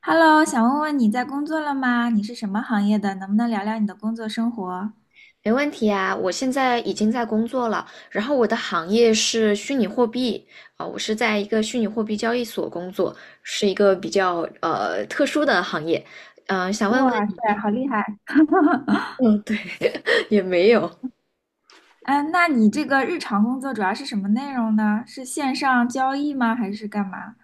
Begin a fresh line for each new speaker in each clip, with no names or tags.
Hello，想问问你在工作了吗？你是什么行业的？能不能聊聊你的工作生活？
没问题啊，我现在已经在工作了，然后我的行业是虚拟货币。我是在一个虚拟货币交易所工作，是一个比较特殊的行业。想问问
哇塞，
你。
好厉害！
嗯，对。也没有。
啊，那你这个日常工作主要是什么内容呢？是线上交易吗？还是干嘛？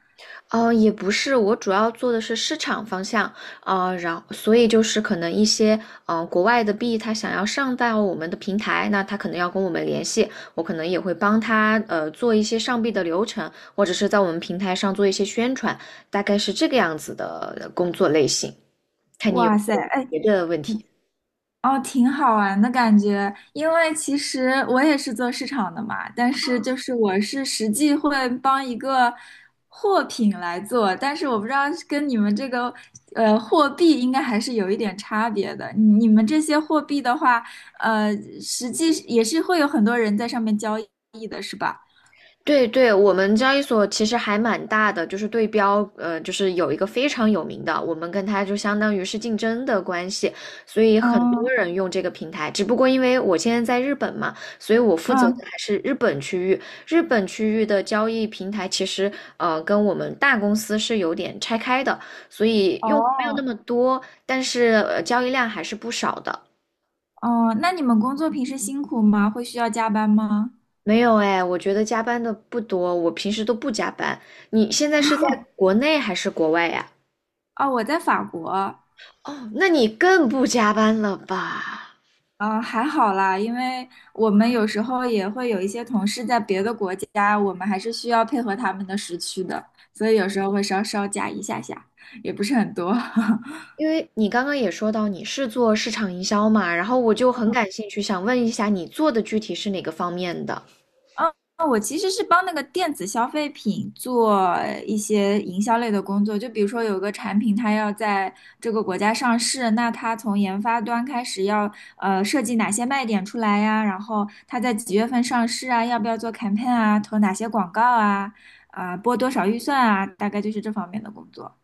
哦，也不是，我主要做的是市场方向。啊，然后所以就是可能一些国外的币，他想要上到我们的平台，那他可能要跟我们联系，我可能也会帮他做一些上币的流程，或者是在我们平台上做一些宣传，大概是这个样子的工作类型。看你有
哇
没
塞，
有
哎，
别的问题。
哦，挺好玩的感觉，因为其实我也是做市场的嘛，但是就是我是实际会帮一个货品来做，但是我不知道跟你们这个货币应该还是有一点差别的。你们这些货币的话，呃，实际也是会有很多人在上面交易的，是吧？
对对，我们交易所其实还蛮大的，就是对标，就是有一个非常有名的，我们跟它就相当于是竞争的关系，所以很多
嗯
人用这个平台。只不过因为我现在在日本嘛，所以我负责的
嗯，
还是日本区域。日本区域的交易平台其实，跟我们大公司是有点拆开的，所以用户没有那
哦
么多，但是，交易量还是不少的。
哦，那你们工作平时辛苦吗？会需要加班吗？
没有哎，我觉得加班的不多，我平时都不加班。你现在是在国内还是国外呀？
哦，我在法国。
哦，那你更不加班了吧？
嗯，还好啦，因为我们有时候也会有一些同事在别的国家，我们还是需要配合他们的时区的，所以有时候会稍稍加一下下，也不是很多。
因为你刚刚也说到你是做市场营销嘛，然后我就很感兴趣，想问一下你做的具体是哪个方面的？
嗯，我其实是帮那个电子消费品做一些营销类的工作，就比如说有个产品，它要在这个国家上市，那它从研发端开始要设计哪些卖点出来呀，然后它在几月份上市啊，要不要做 campaign 啊，投哪些广告啊，啊、拨多少预算啊，大概就是这方面的工作。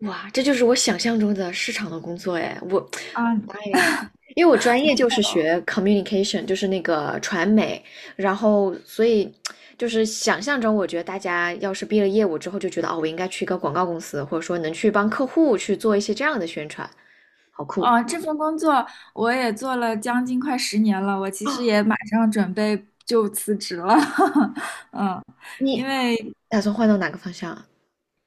哇，这就是我想象中的市场的工作哎，我，
啊，
哎呀，因为我专业就是学 communication，就是那个传媒，然后所以就是想象中，我觉得大家要是毕了业，我之后就觉得哦，我应该去一个广告公司，或者说能去帮客户去做一些这样的宣传，好酷
哦，这份工作我也做了将近快10年了，我其实
啊！
也马上准备就辞职了，嗯。因
你
为
打算换到哪个方向啊？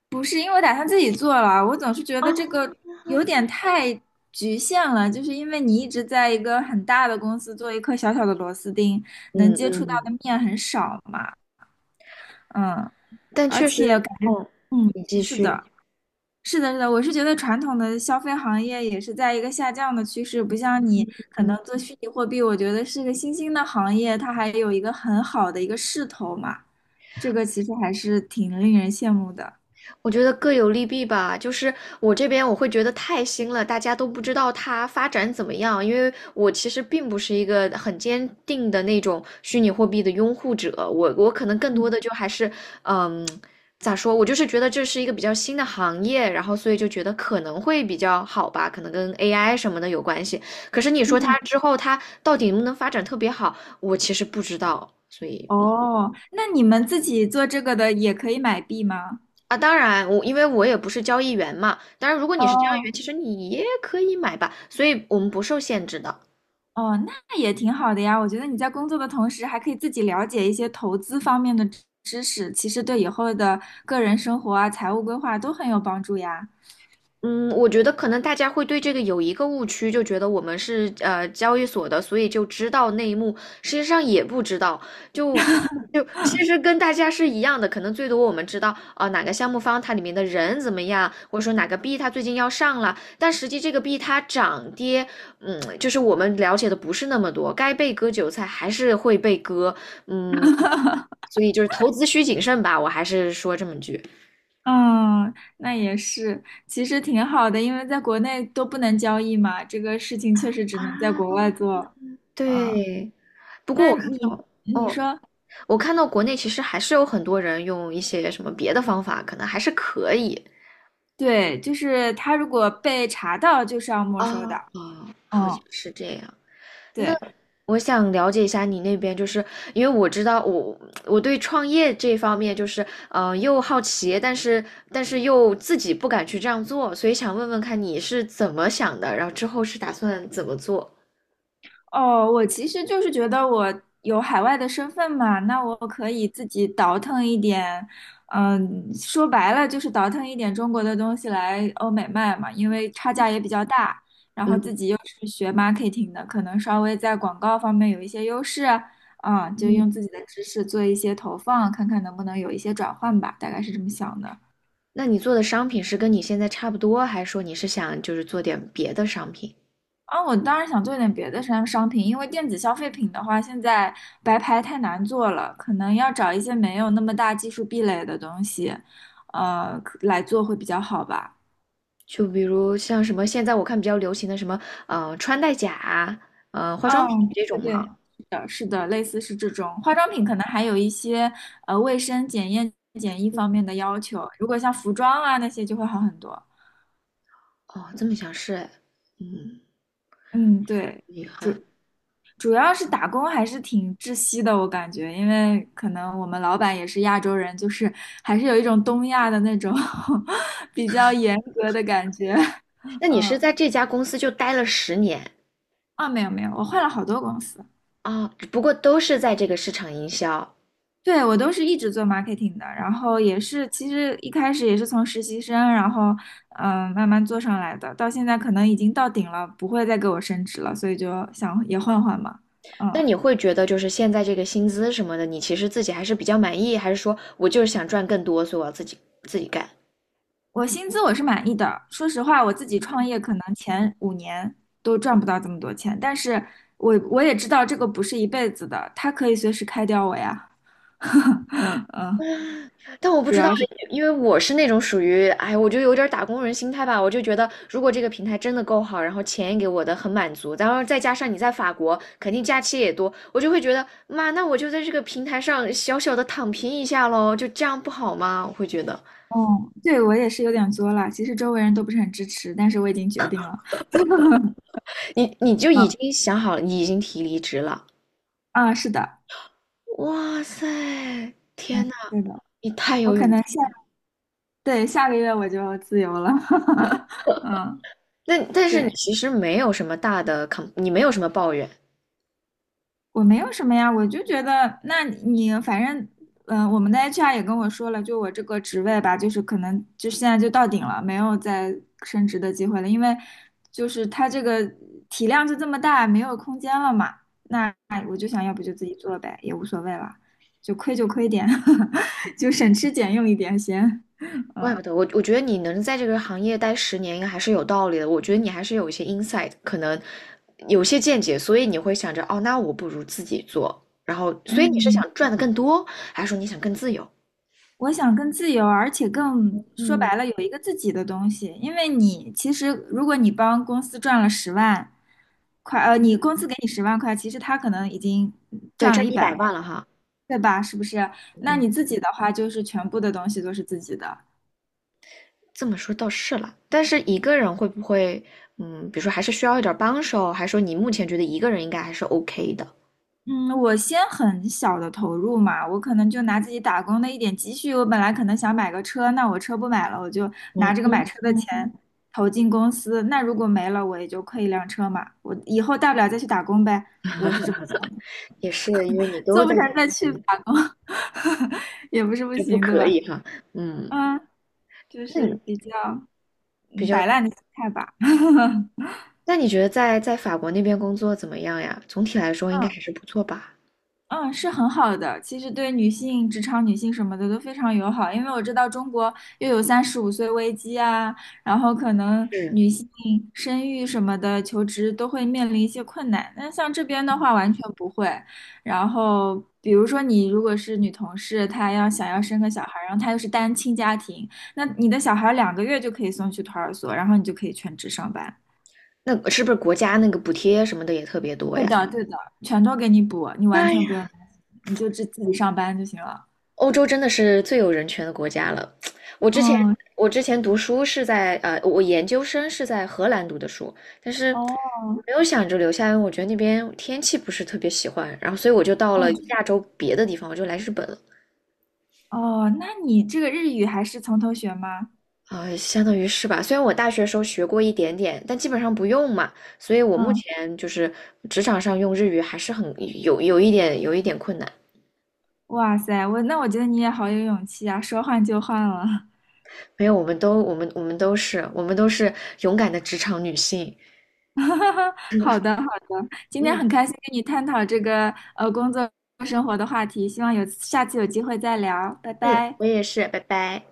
不是，因为我打算自己做了，我总是觉得这
啊。
个有点太局限了，就是因为你一直在一个很大的公司做一颗小小的螺丝钉，
嗯
能接触
嗯
到
嗯，
的面很少嘛，嗯，
但
而
确
且
实，
感觉，
哦，
嗯，
你继
是的，
续。
是的，是的，我是觉得传统的消费行业也是在一个下降的趋势，不像你可
嗯。
能做虚拟货币，我觉得是个新兴的行业，它还有一个很好的一个势头嘛，这个其实还是挺令人羡慕的。
我觉得各有利弊吧，就是我这边我会觉得太新了，大家都不知道它发展怎么样，因为我其实并不是一个很坚定的那种虚拟货币的拥护者，我可能更多
嗯
的就还是，嗯，咋说，我就是觉得这是一个比较新的行业，然后所以就觉得可能会比较好吧，可能跟 AI 什么的有关系。可是你说它
嗯
之后它到底能不能发展特别好，我其实不知道，所以
哦，那你们自己做这个的也可以买币吗？
啊，当然，我因为我也不是交易员嘛，当然如果你是交易员，
哦
其实你也可以买吧，所以我们不受限制的。
哦，那也挺好的呀。我觉得你在工作的同时，还可以自己了解一些投资方面的知识，其实对以后的个人生活啊、财务规划都很有帮助呀。
嗯，我觉得可能大家会对这个有一个误区，就觉得我们是交易所的，所以就知道内幕，实际上也不知道，就就其实跟大家是一样的，可能最多我们知道啊、哪个项目方它里面的人怎么样，或者说哪个币它最近要上了，但实际这个币它涨跌，嗯，就是我们了解的不是那么多，该被割韭菜还是会被割。嗯，所以就是投资需谨慎吧，我还是说这么句
嗯，那也是，其实挺好的，因为在国内都不能交易嘛，这个事情确实只能在国
啊。
外做。嗯，
对。不过
那
我看
你
到，
你
哦，
说，
我看到国内其实还是有很多人用一些什么别的方法，可能还是可以
对，就是他如果被查到，就是要没收
啊
的。
啊，好像
嗯。
是这样。那
对。
我想了解一下你那边，就是因为我知道我对创业这方面就是又好奇，但是又自己不敢去这样做，所以想问问看你是怎么想的，然后之后是打算怎么做？
哦，我其实就是觉得我有海外的身份嘛，那我可以自己倒腾一点，嗯，说白了就是倒腾一点中国的东西来欧美卖嘛，因为差价也比较大，然后
嗯
自己又是学 marketing 的，可能稍微在广告方面有一些优势，啊，就
嗯，
用自己的知识做一些投放，看看能不能有一些转换吧，大概是这么想的。
那你做的商品是跟你现在差不多，还是说你是想就是做点别的商品？
啊，我当然想做点别的商品，因为电子消费品的话，现在白牌太难做了，可能要找一些没有那么大技术壁垒的东西，可来做会比较好吧。
就比如像什么，现在我看比较流行的什么，穿戴甲，化妆品
嗯，
这
对对
种嘛。
对，是的，是的，类似是这种化妆品，可能还有一些卫生检验检疫方面的要求，如果像服装啊那些就会好很多。
哦，这么想是哎。嗯，
嗯，对。
厉害。
主要是打工还是挺窒息的，我感觉，因为可能我们老板也是亚洲人，就是还是有一种东亚的那种 比较严格的感觉。
那你是
嗯，
在这家公司就待了十年
啊，没有没有，我换了好多公司，
啊，不过都是在这个市场营销。
对，我都是一直做 marketing 的，然后也是其实一开始也是从实习生，然后慢慢做上来的，到现在可能已经到顶了，不会再给我升职了，所以就想也换换嘛。
那
嗯。
你会觉得就是现在这个薪资什么的，你其实自己还是比较满意，还是说我就是想赚更多，所以我要自己干？
我薪资我是满意的，说实话，我自己创业可能前5年都赚不到这么多钱，但是我也知道这个不是一辈子的，他可以随时开掉我呀。
但我不
主
知道
要是，
哎，因为我是那种属于，哎，我就有点儿打工人心态吧。我就觉得，如果这个平台真的够好，然后钱也给我的很满足，然后再加上你在法国，肯定假期也多，我就会觉得，妈，那我就在这个平台上小小的躺平一下喽，就这样不好吗？我会觉得，
嗯，对，我也是有点作了，其实周围人都不是很支持，但是我已经决定了。
你就
嗯
已经想好了，你已经提离职了。
啊，是的，
哇塞，天呐，
对的，
你太
我
有
可
勇
能下，
气。
对，下个月我就自由了。嗯，
那但是你
对。
其实没有什么大的 你没有什么抱怨。
我没有什么呀，我就觉得，那你反正，嗯、我们的 HR 也跟我说了，就我这个职位吧，就是可能就现在就到顶了，没有再升职的机会了，因为就是它这个体量就这么大，没有空间了嘛。那我就想要不就自己做呗，也无所谓了，就亏就亏点，就省吃俭用一点先，
怪不
嗯。
得我，我觉得你能在这个行业待十年，应该还是有道理的。我觉得你还是有一些 insight，可能有些见解，所以你会想着，哦，那我不如自己做。然后，所以你是
嗯，
想赚的更多，还是说你想更自由？
我想更自由，而且更说
嗯，
白了有一个自己的东西。因为你其实，如果你帮公司赚了十万块，呃，你公司给你十万块，其实他可能已经
对，
赚了
赚
一
一
百
百
万，
万了哈。
对吧？是不是？那你
嗯，
自己的话，就是全部的东西都是自己的。
这么说倒是了。但是一个人会不会，嗯，比如说还是需要一点帮手，还是说你目前觉得一个人应该还是 OK 的？
嗯，我先很小的投入嘛，我可能就拿自己打工的一点积蓄，我本来可能想买个车，那我车不买了，我就拿
嗯
这个
嗯
买车的钱
嗯，
投进公司，那如果没了，我也就亏1辆车嘛，我以后大不了再去打工呗，我是这么想的，
也是，因为你都
做不
在这，
成再去打工，也不是不
这不
行，对
可
吧？
以哈。嗯，
嗯，就
那
是
你
比较
比
嗯
较，
摆烂的心态吧。
那你觉得在法国那边工作怎么样呀？总体来说应该 还是不错吧？
嗯，是很好的。其实对女性、职场女性什么的都非常友好，因为我知道中国又有35岁危机啊，然后可能
嗯，
女性生育什么的、求职都会面临一些困难。那像这边的话，完全不会。然后，比如说你如果是女同事，她要想要生个小孩儿，然后她又是单亲家庭，那你的小孩儿2个月就可以送去托儿所，然后你就可以全职上班。
那是不是国家那个补贴什么的也特别多
对
呀？
的，对的，全都给你补，你完
哎
全不用
呀，
担心，你就自己上班就行了。
欧洲真的是最有人权的国家了。我之前
嗯，
我之前读书是在我研究生是在荷兰读的书，但是
哦
没有想着留下来，因为我觉得那边天气不是特别喜欢，然后所以我就到了
哦，
亚洲别的地方，我就来日本了。
哦，那你这个日语还是从头学吗？
啊，相当于是吧。虽然我大学时候学过一点点，但基本上不用嘛，所以我目
嗯，
前就是职场上用日语还是很有一点困难。
哇塞，我觉得你也好有勇气啊，说换就换了。
没有，我们都我们我们都是我们都是勇敢的职场女性。
好的好的，今天
嗯
很开心跟你探讨这个工作生活的话题，希望有下次有机会再聊，拜
嗯，
拜。
我也是，拜拜。